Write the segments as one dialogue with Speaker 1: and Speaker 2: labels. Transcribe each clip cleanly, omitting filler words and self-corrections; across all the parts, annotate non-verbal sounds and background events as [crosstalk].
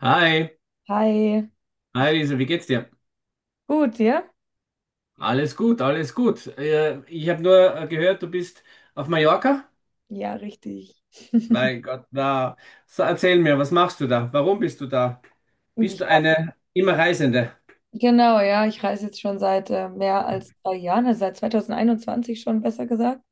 Speaker 1: Hi,
Speaker 2: Hi,
Speaker 1: hi Lisa, wie geht's dir?
Speaker 2: gut, ja?
Speaker 1: Alles gut, alles gut. Ich habe nur gehört, du bist auf Mallorca.
Speaker 2: Ja, richtig.
Speaker 1: Mein Gott, na, so, erzähl mir, was machst du da? Warum bist du da? Bist
Speaker 2: Ich,
Speaker 1: du eine immer Reisende?
Speaker 2: genau, ja, ich reise jetzt schon seit mehr als drei Jahren, also seit 2021 schon, besser gesagt.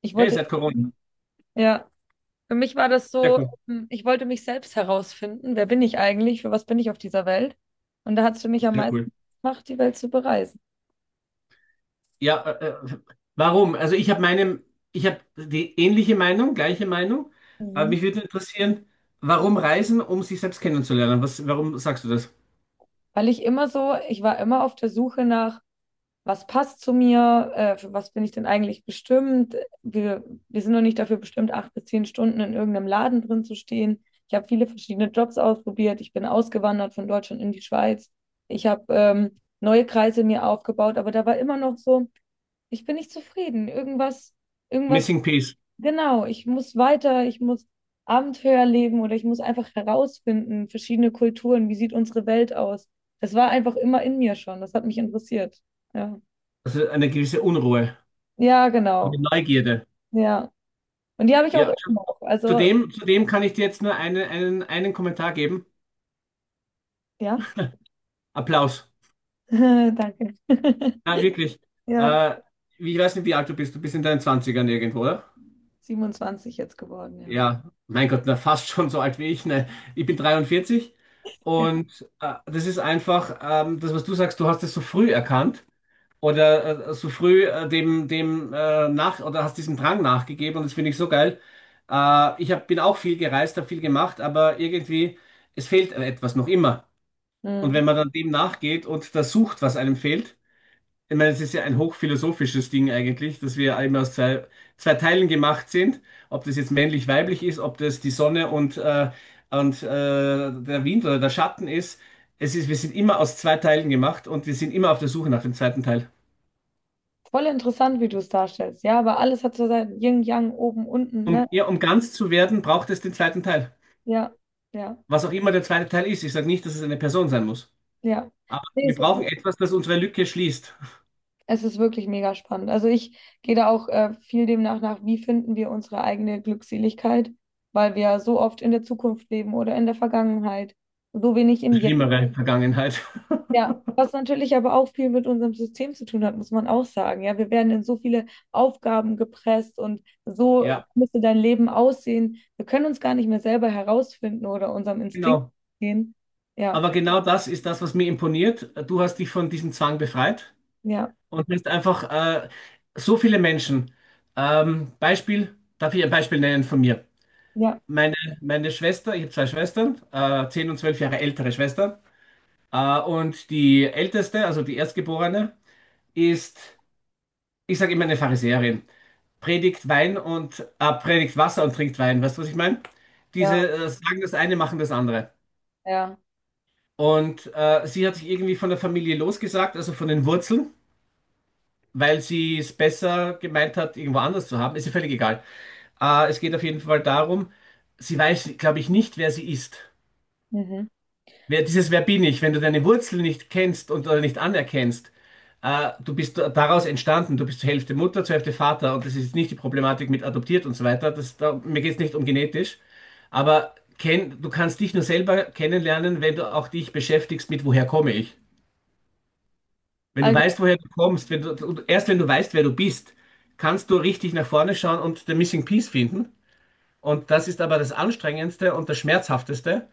Speaker 2: Ich
Speaker 1: Hey,
Speaker 2: wollte,
Speaker 1: seit Corona.
Speaker 2: ja, für mich war das
Speaker 1: Sehr
Speaker 2: so,
Speaker 1: cool,
Speaker 2: ich wollte mich selbst herausfinden, wer bin ich eigentlich, für was bin ich auf dieser Welt? Und da hat es für mich am
Speaker 1: sehr
Speaker 2: meisten
Speaker 1: cool.
Speaker 2: gemacht, die Welt zu bereisen.
Speaker 1: Ja, äh, warum? Also ich habe ich habe die gleiche Meinung, aber
Speaker 2: Mhm.
Speaker 1: mich würde interessieren, warum reisen, um sich selbst kennenzulernen? Warum sagst du das?
Speaker 2: Weil ich immer so, ich war immer auf der Suche nach, was passt zu mir, für was bin ich denn eigentlich bestimmt. Wir sind noch nicht dafür bestimmt, 8 bis 10 Stunden in irgendeinem Laden drin zu stehen. Ich habe viele verschiedene Jobs ausprobiert. Ich bin ausgewandert von Deutschland in die Schweiz. Ich habe neue Kreise mir aufgebaut, aber da war immer noch so, ich bin nicht zufrieden. Irgendwas, irgendwas,
Speaker 1: Missing Peace,
Speaker 2: genau, ich muss weiter, ich muss Abenteuer leben oder ich muss einfach herausfinden, verschiedene Kulturen, wie sieht unsere Welt aus. Das war einfach immer in mir schon, das hat mich interessiert. Ja.
Speaker 1: also eine gewisse Unruhe,
Speaker 2: Ja,
Speaker 1: eine
Speaker 2: genau.
Speaker 1: Neugierde.
Speaker 2: Ja. Und die habe ich auch
Speaker 1: Ja,
Speaker 2: immer noch. Also,
Speaker 1: zudem, kann ich dir jetzt nur einen Kommentar geben.
Speaker 2: ja.
Speaker 1: Applaus.
Speaker 2: [laughs] Danke.
Speaker 1: Ja, wirklich.
Speaker 2: [laughs] Ja,
Speaker 1: Äh, Ich weiß nicht, wie alt du bist. Du bist in deinen Zwanzigern irgendwo, oder?
Speaker 2: 27 jetzt geworden, ja.
Speaker 1: Ja, mein Gott, na, fast schon so alt wie ich. Ne? Ich bin 43
Speaker 2: Ja.
Speaker 1: und das ist einfach, das, was du sagst, du hast es so früh erkannt oder so früh dem, dem nach, oder hast diesem Drang nachgegeben, und das finde ich so geil. Bin auch viel gereist, habe viel gemacht, aber irgendwie, es fehlt etwas noch immer. Und
Speaker 2: Mhm.
Speaker 1: wenn man dann dem nachgeht und das sucht, was einem fehlt, ich meine, es ist ja ein hochphilosophisches Ding eigentlich, dass wir eben aus zwei Teilen gemacht sind, ob das jetzt männlich-weiblich ist, ob das die Sonne und der Wind oder der Schatten ist. Es ist, wir sind immer aus zwei Teilen gemacht und wir sind immer auf der Suche nach dem zweiten Teil.
Speaker 2: Voll interessant, wie du es darstellst. Ja, aber alles hat so sein Yin, Yang, oben, unten, ne?
Speaker 1: Ja, um ganz zu werden, braucht es den zweiten Teil.
Speaker 2: Ja, ja,
Speaker 1: Was auch immer der zweite Teil ist. Ich sage nicht, dass es eine Person sein muss.
Speaker 2: ja.
Speaker 1: Aber
Speaker 2: Nee,
Speaker 1: wir
Speaker 2: es ist,
Speaker 1: brauchen etwas, das unsere Lücke schließt.
Speaker 2: es ist wirklich mega spannend. Also ich gehe da auch viel demnach nach, wie finden wir unsere eigene Glückseligkeit, weil wir so oft in der Zukunft leben oder in der Vergangenheit, so wenig im Jetzt.
Speaker 1: Schlimmere Vergangenheit. [laughs]
Speaker 2: Ja, was natürlich aber auch viel mit unserem System zu tun hat, muss man auch sagen. Ja, wir werden in so viele Aufgaben gepresst und so
Speaker 1: Ja,
Speaker 2: müsste dein Leben aussehen. Wir können uns gar nicht mehr selber herausfinden oder unserem Instinkt
Speaker 1: genau.
Speaker 2: gehen. Ja,
Speaker 1: Aber genau das ist das, was mir imponiert. Du hast dich von diesem Zwang befreit
Speaker 2: ja,
Speaker 1: und bist einfach so viele Menschen. Beispiel, darf ich ein Beispiel nennen von mir?
Speaker 2: ja,
Speaker 1: Meine, Meine Schwester, ich habe zwei Schwestern, 10 und 12 Jahre ältere Schwester. Und die älteste, also die Erstgeborene, ist, ich sage immer eine Pharisäerin. Predigt Wein und predigt Wasser und trinkt Wein. Weißt du, was ich meine?
Speaker 2: ja,
Speaker 1: Diese sagen das eine, machen das andere.
Speaker 2: ja.
Speaker 1: Und sie hat sich irgendwie von der Familie losgesagt, also von den Wurzeln, weil sie es besser gemeint hat, irgendwo anders zu haben. Ist ihr völlig egal. Es geht auf jeden Fall darum, sie weiß, glaube ich, nicht, wer sie ist.
Speaker 2: Mhm.
Speaker 1: Wer, dieses Wer bin ich, wenn du deine Wurzel nicht kennst und oder nicht anerkennst, du bist daraus entstanden, du bist zur Hälfte Mutter, zur Hälfte Vater, und das ist nicht die Problematik mit adoptiert und so weiter. Mir geht es nicht um genetisch, aber du kannst dich nur selber kennenlernen, wenn du auch dich beschäftigst mit, woher komme ich. Wenn du
Speaker 2: Also,
Speaker 1: weißt, woher du kommst, wenn du, und erst wenn du weißt, wer du bist, kannst du richtig nach vorne schauen und den Missing Piece finden. Und das ist aber das Anstrengendste und das Schmerzhafteste,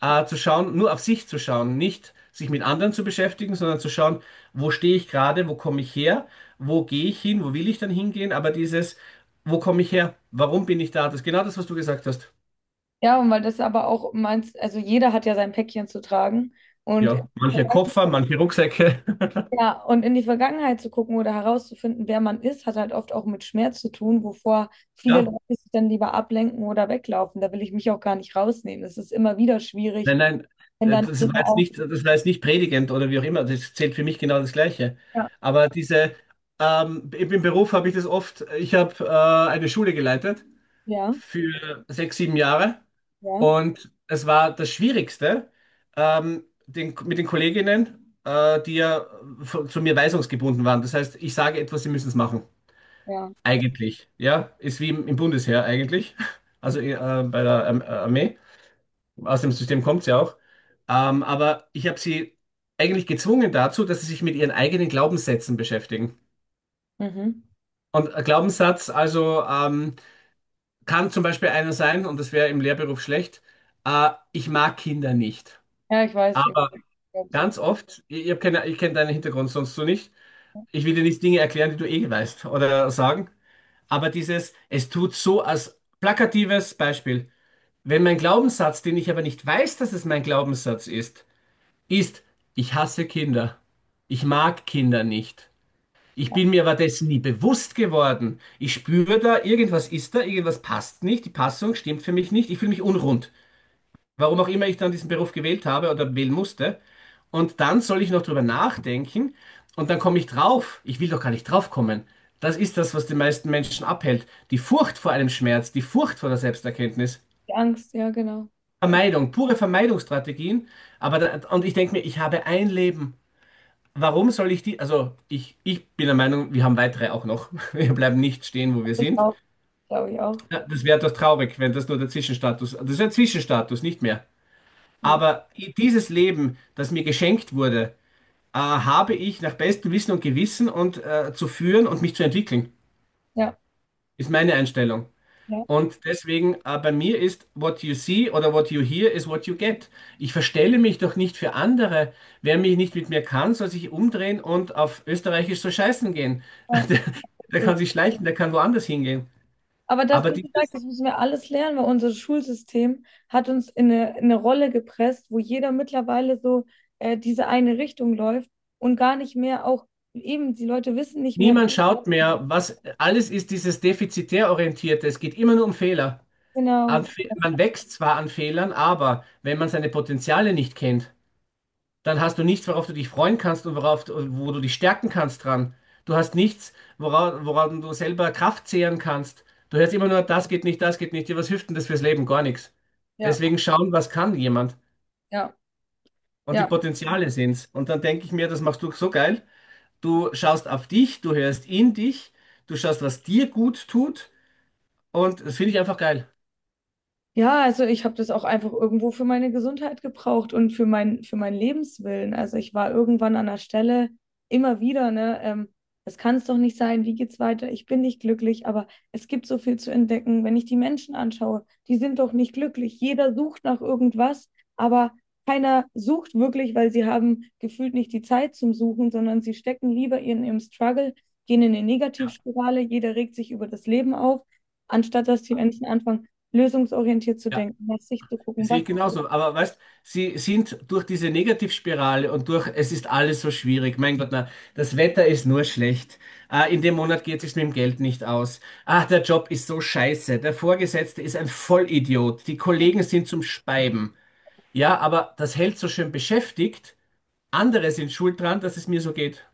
Speaker 1: zu schauen, nur auf sich zu schauen, nicht sich mit anderen zu beschäftigen, sondern zu schauen, wo stehe ich gerade, wo komme ich her, wo gehe ich hin, wo will ich dann hingehen, aber dieses, wo komme ich her, warum bin ich da, das ist genau das, was du gesagt hast.
Speaker 2: ja, und weil das aber auch meinst, also jeder hat ja sein Päckchen zu tragen und.
Speaker 1: Ja, manche Koffer, manche Rucksäcke. [laughs]
Speaker 2: Ja, und in die Vergangenheit zu gucken oder herauszufinden, wer man ist, hat halt oft auch mit Schmerz zu tun, wovor viele
Speaker 1: Ja.
Speaker 2: Leute sich dann lieber ablenken oder weglaufen. Da will ich mich auch gar nicht rausnehmen. Es ist immer wieder schwierig,
Speaker 1: Nein, nein,
Speaker 2: wenn dann
Speaker 1: das war
Speaker 2: Dinge
Speaker 1: jetzt
Speaker 2: auch.
Speaker 1: nicht, das war jetzt nicht predigend oder wie auch immer, das zählt für mich genau das Gleiche.
Speaker 2: Ja,
Speaker 1: Aber diese, im Beruf habe ich das oft, ich habe eine Schule geleitet
Speaker 2: ja,
Speaker 1: für 6, 7 Jahre,
Speaker 2: ja.
Speaker 1: und es war das Schwierigste, mit den Kolleginnen, die ja zu mir weisungsgebunden waren. Das heißt, ich sage etwas, sie müssen es machen.
Speaker 2: Ja,
Speaker 1: Eigentlich, ja, ist wie im Bundesheer eigentlich, [laughs] also bei der Armee. Aus dem System kommt sie auch. Aber ich habe sie eigentlich gezwungen dazu, dass sie sich mit ihren eigenen Glaubenssätzen beschäftigen.
Speaker 2: mhm.
Speaker 1: Und ein Glaubenssatz, also kann zum Beispiel einer sein, und das wäre im Lehrberuf schlecht, ich mag Kinder nicht.
Speaker 2: Ja, ich weiß, ich
Speaker 1: Aber
Speaker 2: weiß, ich glaub, so
Speaker 1: ganz oft, hab keine, ich kenne deinen Hintergrund sonst so nicht, ich will dir nicht Dinge erklären, die du eh weißt oder sagen, aber dieses, es tut so als plakatives Beispiel. Wenn mein Glaubenssatz, den ich aber nicht weiß, dass es mein Glaubenssatz ist, ist, ich hasse Kinder. Ich mag Kinder nicht. Ich bin mir aber dessen nie bewusst geworden. Ich spüre da, irgendwas ist da, irgendwas passt nicht, die Passung stimmt für mich nicht, ich fühle mich unrund. Warum auch immer ich dann diesen Beruf gewählt habe oder wählen musste. Und dann soll ich noch drüber nachdenken und dann komme ich drauf. Ich will doch gar nicht draufkommen. Das ist das, was die meisten Menschen abhält. Die Furcht vor einem Schmerz, die Furcht vor der Selbsterkenntnis.
Speaker 2: die Angst, ja, genau. Ja,
Speaker 1: Vermeidung, pure Vermeidungsstrategien. Aber da, und ich denke mir, ich habe ein Leben. Warum soll ich die? Also, ich bin der Meinung, wir haben weitere auch noch. [laughs] Wir bleiben nicht stehen, wo wir
Speaker 2: glaub ich
Speaker 1: sind.
Speaker 2: auch, glaube ich auch.
Speaker 1: Ja, das wäre doch traurig, wenn das nur der Zwischenstatus, das ist ein Zwischenstatus, nicht mehr.
Speaker 2: Ja,
Speaker 1: Aber dieses Leben, das mir geschenkt wurde, habe ich nach bestem Wissen und Gewissen und zu führen und mich zu entwickeln,
Speaker 2: ja,
Speaker 1: ist meine Einstellung.
Speaker 2: ja,
Speaker 1: Und deswegen, bei mir ist, what you see oder what you hear is what you get. Ich verstelle mich doch nicht für andere. Wer mich nicht mit mir kann, soll sich umdrehen und auf Österreichisch so scheißen gehen.
Speaker 2: ja.
Speaker 1: [laughs] Der, Der kann sich schleichen, der kann woanders hingehen.
Speaker 2: Aber das,
Speaker 1: Aber
Speaker 2: wie gesagt,
Speaker 1: dieses,
Speaker 2: das müssen wir alles lernen, weil unser Schulsystem hat uns in eine Rolle gepresst, wo jeder mittlerweile so diese eine Richtung läuft und gar nicht mehr auch, eben die Leute wissen nicht mehr.
Speaker 1: niemand schaut mehr, was alles ist, dieses defizitär orientierte. Es geht immer nur um Fehler.
Speaker 2: Genau,
Speaker 1: Man wächst zwar an Fehlern, aber wenn man seine Potenziale nicht kennt, dann hast du nichts, worauf du dich freuen kannst und wo du dich stärken kannst dran. Du hast nichts, woran du selber Kraft zehren kannst. Du hörst immer nur, das geht nicht, das geht nicht. Ja, was hilft denn das fürs Leben? Gar nichts.
Speaker 2: ja,
Speaker 1: Deswegen schauen, was kann jemand.
Speaker 2: ja,
Speaker 1: Und die
Speaker 2: ja.
Speaker 1: Potenziale sind's. Und dann denke ich mir, das machst du so geil. Du schaust auf dich, du hörst in dich, du schaust, was dir gut tut. Und das finde ich einfach geil.
Speaker 2: Ja, also ich habe das auch einfach irgendwo für meine Gesundheit gebraucht und für mein, für meinen Lebenswillen. Also ich war irgendwann an der Stelle immer wieder, ne, das kann es doch nicht sein, wie geht's weiter? Ich bin nicht glücklich, aber es gibt so viel zu entdecken. Wenn ich die Menschen anschaue, die sind doch nicht glücklich. Jeder sucht nach irgendwas, aber keiner sucht wirklich, weil sie haben gefühlt nicht die Zeit zum Suchen, sondern sie stecken lieber in ihrem Struggle, gehen in eine Negativspirale, jeder regt sich über das Leben auf, anstatt dass die Menschen anfangen lösungsorientiert zu
Speaker 1: Ja.
Speaker 2: denken, nach sich zu gucken,
Speaker 1: Sehe
Speaker 2: was,
Speaker 1: ich genauso. Aber weißt, sie sind durch diese Negativspirale und durch, es ist alles so schwierig. Mein Gott, na, das Wetter ist nur schlecht. Ah, in dem Monat geht es sich mit dem Geld nicht aus. Ah, der Job ist so scheiße. Der Vorgesetzte ist ein Vollidiot. Die Kollegen sind zum Speiben. Ja, aber das hält so schön beschäftigt. Andere sind schuld dran, dass es mir so geht.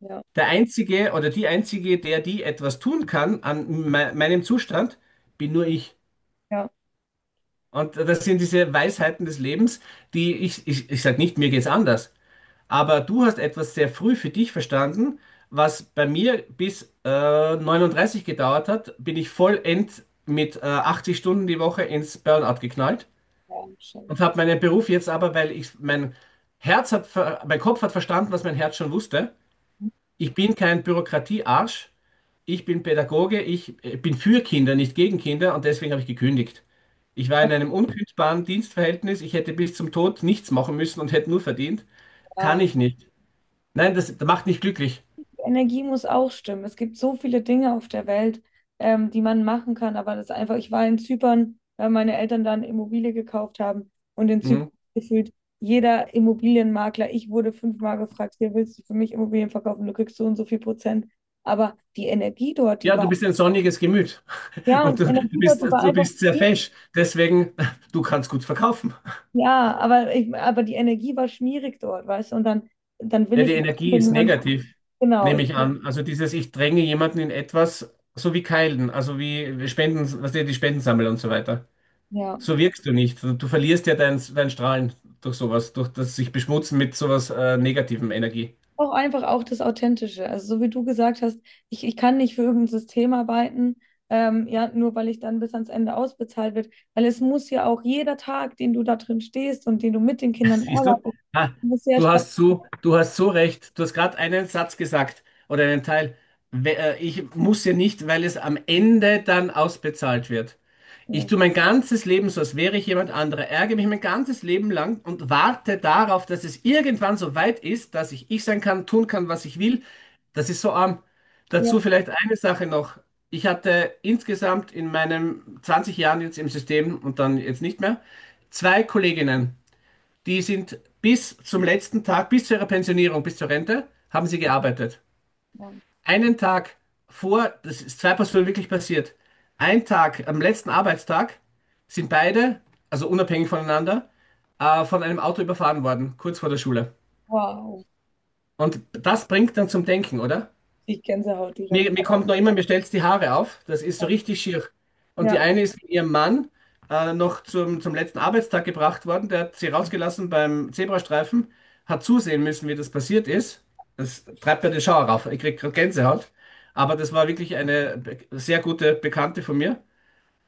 Speaker 2: ja,
Speaker 1: Der Einzige oder die Einzige, der die etwas tun kann an me meinem Zustand, bin nur ich.
Speaker 2: ja,
Speaker 1: Und das sind diese Weisheiten des Lebens, die ich sage nicht, mir geht's anders, aber du hast etwas sehr früh für dich verstanden, was bei mir bis 39 gedauert hat, bin ich vollend mit 80 Stunden die Woche ins Burnout geknallt
Speaker 2: ja, scheiße.
Speaker 1: und habe meinen Beruf jetzt aber, weil ich mein mein Kopf hat verstanden, was mein Herz schon wusste. Ich bin kein Bürokratiearsch, ich bin Pädagoge, ich bin für Kinder, nicht gegen Kinder und deswegen habe ich gekündigt. Ich war in
Speaker 2: Was?
Speaker 1: einem unkündbaren Dienstverhältnis, ich hätte bis zum Tod nichts machen müssen und hätte nur verdient. Kann
Speaker 2: Ja,
Speaker 1: ich nicht. Nein, das macht nicht glücklich.
Speaker 2: die Energie muss auch stimmen. Es gibt so viele Dinge auf der Welt, die man machen kann, aber das ist einfach, ich war in Zypern, weil meine Eltern da eine Immobilie gekauft haben und in Zypern
Speaker 1: Mhm.
Speaker 2: gefühlt jeder Immobilienmakler, ich wurde fünfmal gefragt, hier willst du für mich Immobilien verkaufen, du kriegst so und so viel Prozent. Aber die Energie dort, die
Speaker 1: Ja,
Speaker 2: war,
Speaker 1: du bist ein sonniges Gemüt [laughs]
Speaker 2: ja, und
Speaker 1: und
Speaker 2: die Energie dort, die war
Speaker 1: du
Speaker 2: einfach,
Speaker 1: bist sehr fesch. Deswegen, du kannst gut verkaufen.
Speaker 2: ja, aber, aber die Energie war schmierig dort, weißt du? Und dann will
Speaker 1: Ja, die
Speaker 2: ich
Speaker 1: Energie
Speaker 2: den
Speaker 1: ist
Speaker 2: Land,
Speaker 1: negativ,
Speaker 2: genau,
Speaker 1: nehme
Speaker 2: ich,
Speaker 1: ich an. Also dieses, ich dränge jemanden in etwas, so wie Keilen, also wie Spenden, was die Spenden sammeln und so weiter.
Speaker 2: ja.
Speaker 1: So wirkst du nicht. Du verlierst ja dein Strahlen durch sowas, durch das sich beschmutzen mit sowas negativem Energie.
Speaker 2: Auch einfach auch das Authentische. Also so wie du gesagt hast, ich kann nicht für irgendein System arbeiten, ja, nur weil ich dann bis ans Ende ausbezahlt wird. Weil es muss ja auch jeder Tag, den du da drin stehst und den du mit den
Speaker 1: [laughs]
Speaker 2: Kindern
Speaker 1: Siehst du?
Speaker 2: arbeitest,
Speaker 1: Ah,
Speaker 2: muss sehr Spaß
Speaker 1: du hast so recht. Du hast gerade einen Satz gesagt oder einen Teil. Ich muss ja nicht, weil es am Ende dann ausbezahlt wird. Ich
Speaker 2: machen.
Speaker 1: tue mein ganzes Leben so, als wäre ich jemand anderer, ärgere mich mein ganzes Leben lang und warte darauf, dass es irgendwann so weit ist, dass ich ich sein kann, tun kann, was ich will. Das ist so arm. Dazu
Speaker 2: Ja,
Speaker 1: vielleicht eine Sache noch. Ich hatte insgesamt in meinen 20 Jahren jetzt im System und dann jetzt nicht mehr, zwei Kolleginnen, die sind bis zum letzten Tag, bis zu ihrer Pensionierung, bis zur Rente, haben sie gearbeitet
Speaker 2: Mann.
Speaker 1: einen Tag vor, das ist zwei Personen wirklich passiert, einen Tag, am letzten Arbeitstag, sind beide, also unabhängig voneinander, von einem Auto überfahren worden, kurz vor der Schule.
Speaker 2: Wow,
Speaker 1: Und das bringt dann zum Denken, oder?
Speaker 2: ich Gänsehaut direkt.
Speaker 1: Mir kommt noch immer, mir stellt die Haare auf. Das ist so richtig schier. Und die
Speaker 2: Ja.
Speaker 1: eine ist mit ihrem Mann noch zum letzten Arbeitstag gebracht worden. Der hat sie rausgelassen beim Zebrastreifen, hat zusehen müssen, wie das passiert ist. Das treibt mir den Schauer rauf. Ich krieg gerade Gänsehaut. Aber das war wirklich eine sehr gute Bekannte von mir.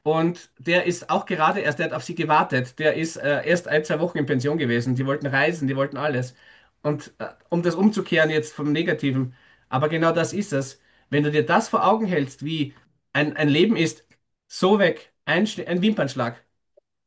Speaker 1: Und der ist auch gerade erst, der hat auf sie gewartet. Der ist erst ein, zwei Wochen in Pension gewesen. Die wollten reisen, die wollten alles. Und um das umzukehren jetzt vom Negativen, aber genau das ist es. Wenn du dir das vor Augen hältst, wie ein Leben ist, so weg, ein Wimpernschlag.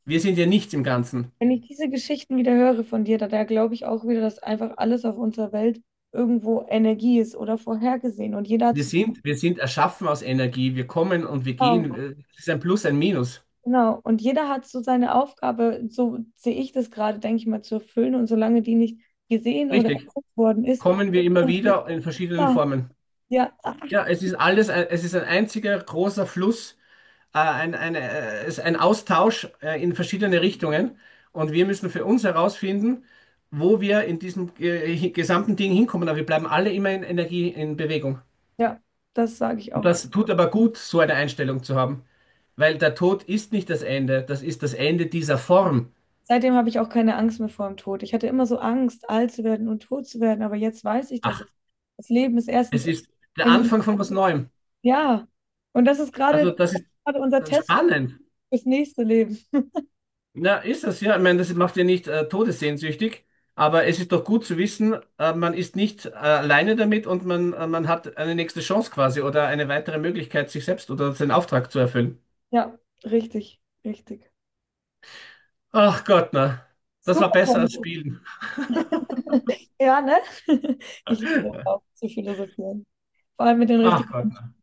Speaker 1: Wir sind ja nichts im Ganzen.
Speaker 2: Wenn ich diese Geschichten wieder höre von dir, da glaube ich auch wieder, dass einfach alles auf unserer Welt irgendwo Energie ist oder vorhergesehen. Und jeder hat so,
Speaker 1: Wir sind erschaffen aus Energie. Wir kommen und wir gehen.
Speaker 2: genau,
Speaker 1: Es ist ein Plus, ein Minus.
Speaker 2: genau. Und jeder hat so seine Aufgabe, so sehe ich das gerade, denke ich mal, zu erfüllen. Und solange die nicht gesehen oder
Speaker 1: Richtig.
Speaker 2: erkannt worden ist,
Speaker 1: Kommen wir immer
Speaker 2: und so,
Speaker 1: wieder in verschiedenen
Speaker 2: ja,
Speaker 1: Formen.
Speaker 2: ja,
Speaker 1: Ja, es ist es ist ein einziger großer Fluss, ein Austausch in verschiedene Richtungen. Und wir müssen für uns herausfinden, wo wir in diesem gesamten Ding hinkommen. Aber wir bleiben alle immer in Energie, in Bewegung.
Speaker 2: ja, das sage ich
Speaker 1: Und
Speaker 2: auch.
Speaker 1: das tut aber gut, so eine Einstellung zu haben. Weil der Tod ist nicht das Ende, das ist das Ende dieser Form.
Speaker 2: Seitdem habe ich auch keine Angst mehr vor dem Tod. Ich hatte immer so Angst, alt zu werden und tot zu werden, aber jetzt weiß ich, dass es,
Speaker 1: Ach,
Speaker 2: das Leben ist erstens,
Speaker 1: es ist der
Speaker 2: ein-
Speaker 1: Anfang von was Neuem.
Speaker 2: ja, und das ist
Speaker 1: Also
Speaker 2: gerade
Speaker 1: das ist
Speaker 2: gerade unser Test.
Speaker 1: spannend.
Speaker 2: Fürs nächste Leben.
Speaker 1: Na, ist das, ja. Ich meine, das macht ja nicht todessehnsüchtig, aber es ist doch gut zu wissen, man ist nicht alleine damit und man hat eine nächste Chance quasi oder eine weitere Möglichkeit, sich selbst oder seinen Auftrag zu erfüllen.
Speaker 2: Ja, richtig, richtig.
Speaker 1: Ach Gott, na. Das war
Speaker 2: Super.
Speaker 1: besser als
Speaker 2: Tanz.
Speaker 1: Spielen.
Speaker 2: [laughs] Ja, ne? [laughs] Ich liebe es auch zu philosophieren. Vor allem mit den
Speaker 1: Ach
Speaker 2: richtigen
Speaker 1: Gott,
Speaker 2: Menschen.
Speaker 1: na.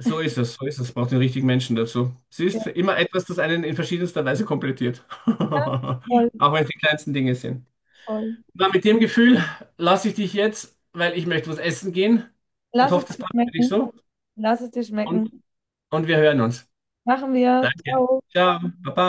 Speaker 1: So ist es, so ist es. Braucht den richtigen Menschen dazu.
Speaker 2: Ja,
Speaker 1: Siehst, immer etwas, das einen in verschiedenster Weise komplettiert. [laughs] Auch
Speaker 2: voll,
Speaker 1: wenn es die kleinsten Dinge sind.
Speaker 2: voll.
Speaker 1: Na, mit dem Gefühl lasse ich dich jetzt, weil ich möchte was essen gehen und
Speaker 2: Lass
Speaker 1: hoffe,
Speaker 2: es
Speaker 1: das
Speaker 2: dir
Speaker 1: passt für dich
Speaker 2: schmecken.
Speaker 1: so.
Speaker 2: Lass es dir
Speaker 1: Und
Speaker 2: schmecken.
Speaker 1: und wir hören uns.
Speaker 2: Machen wir.
Speaker 1: Danke.
Speaker 2: Ciao.
Speaker 1: Ciao. Baba.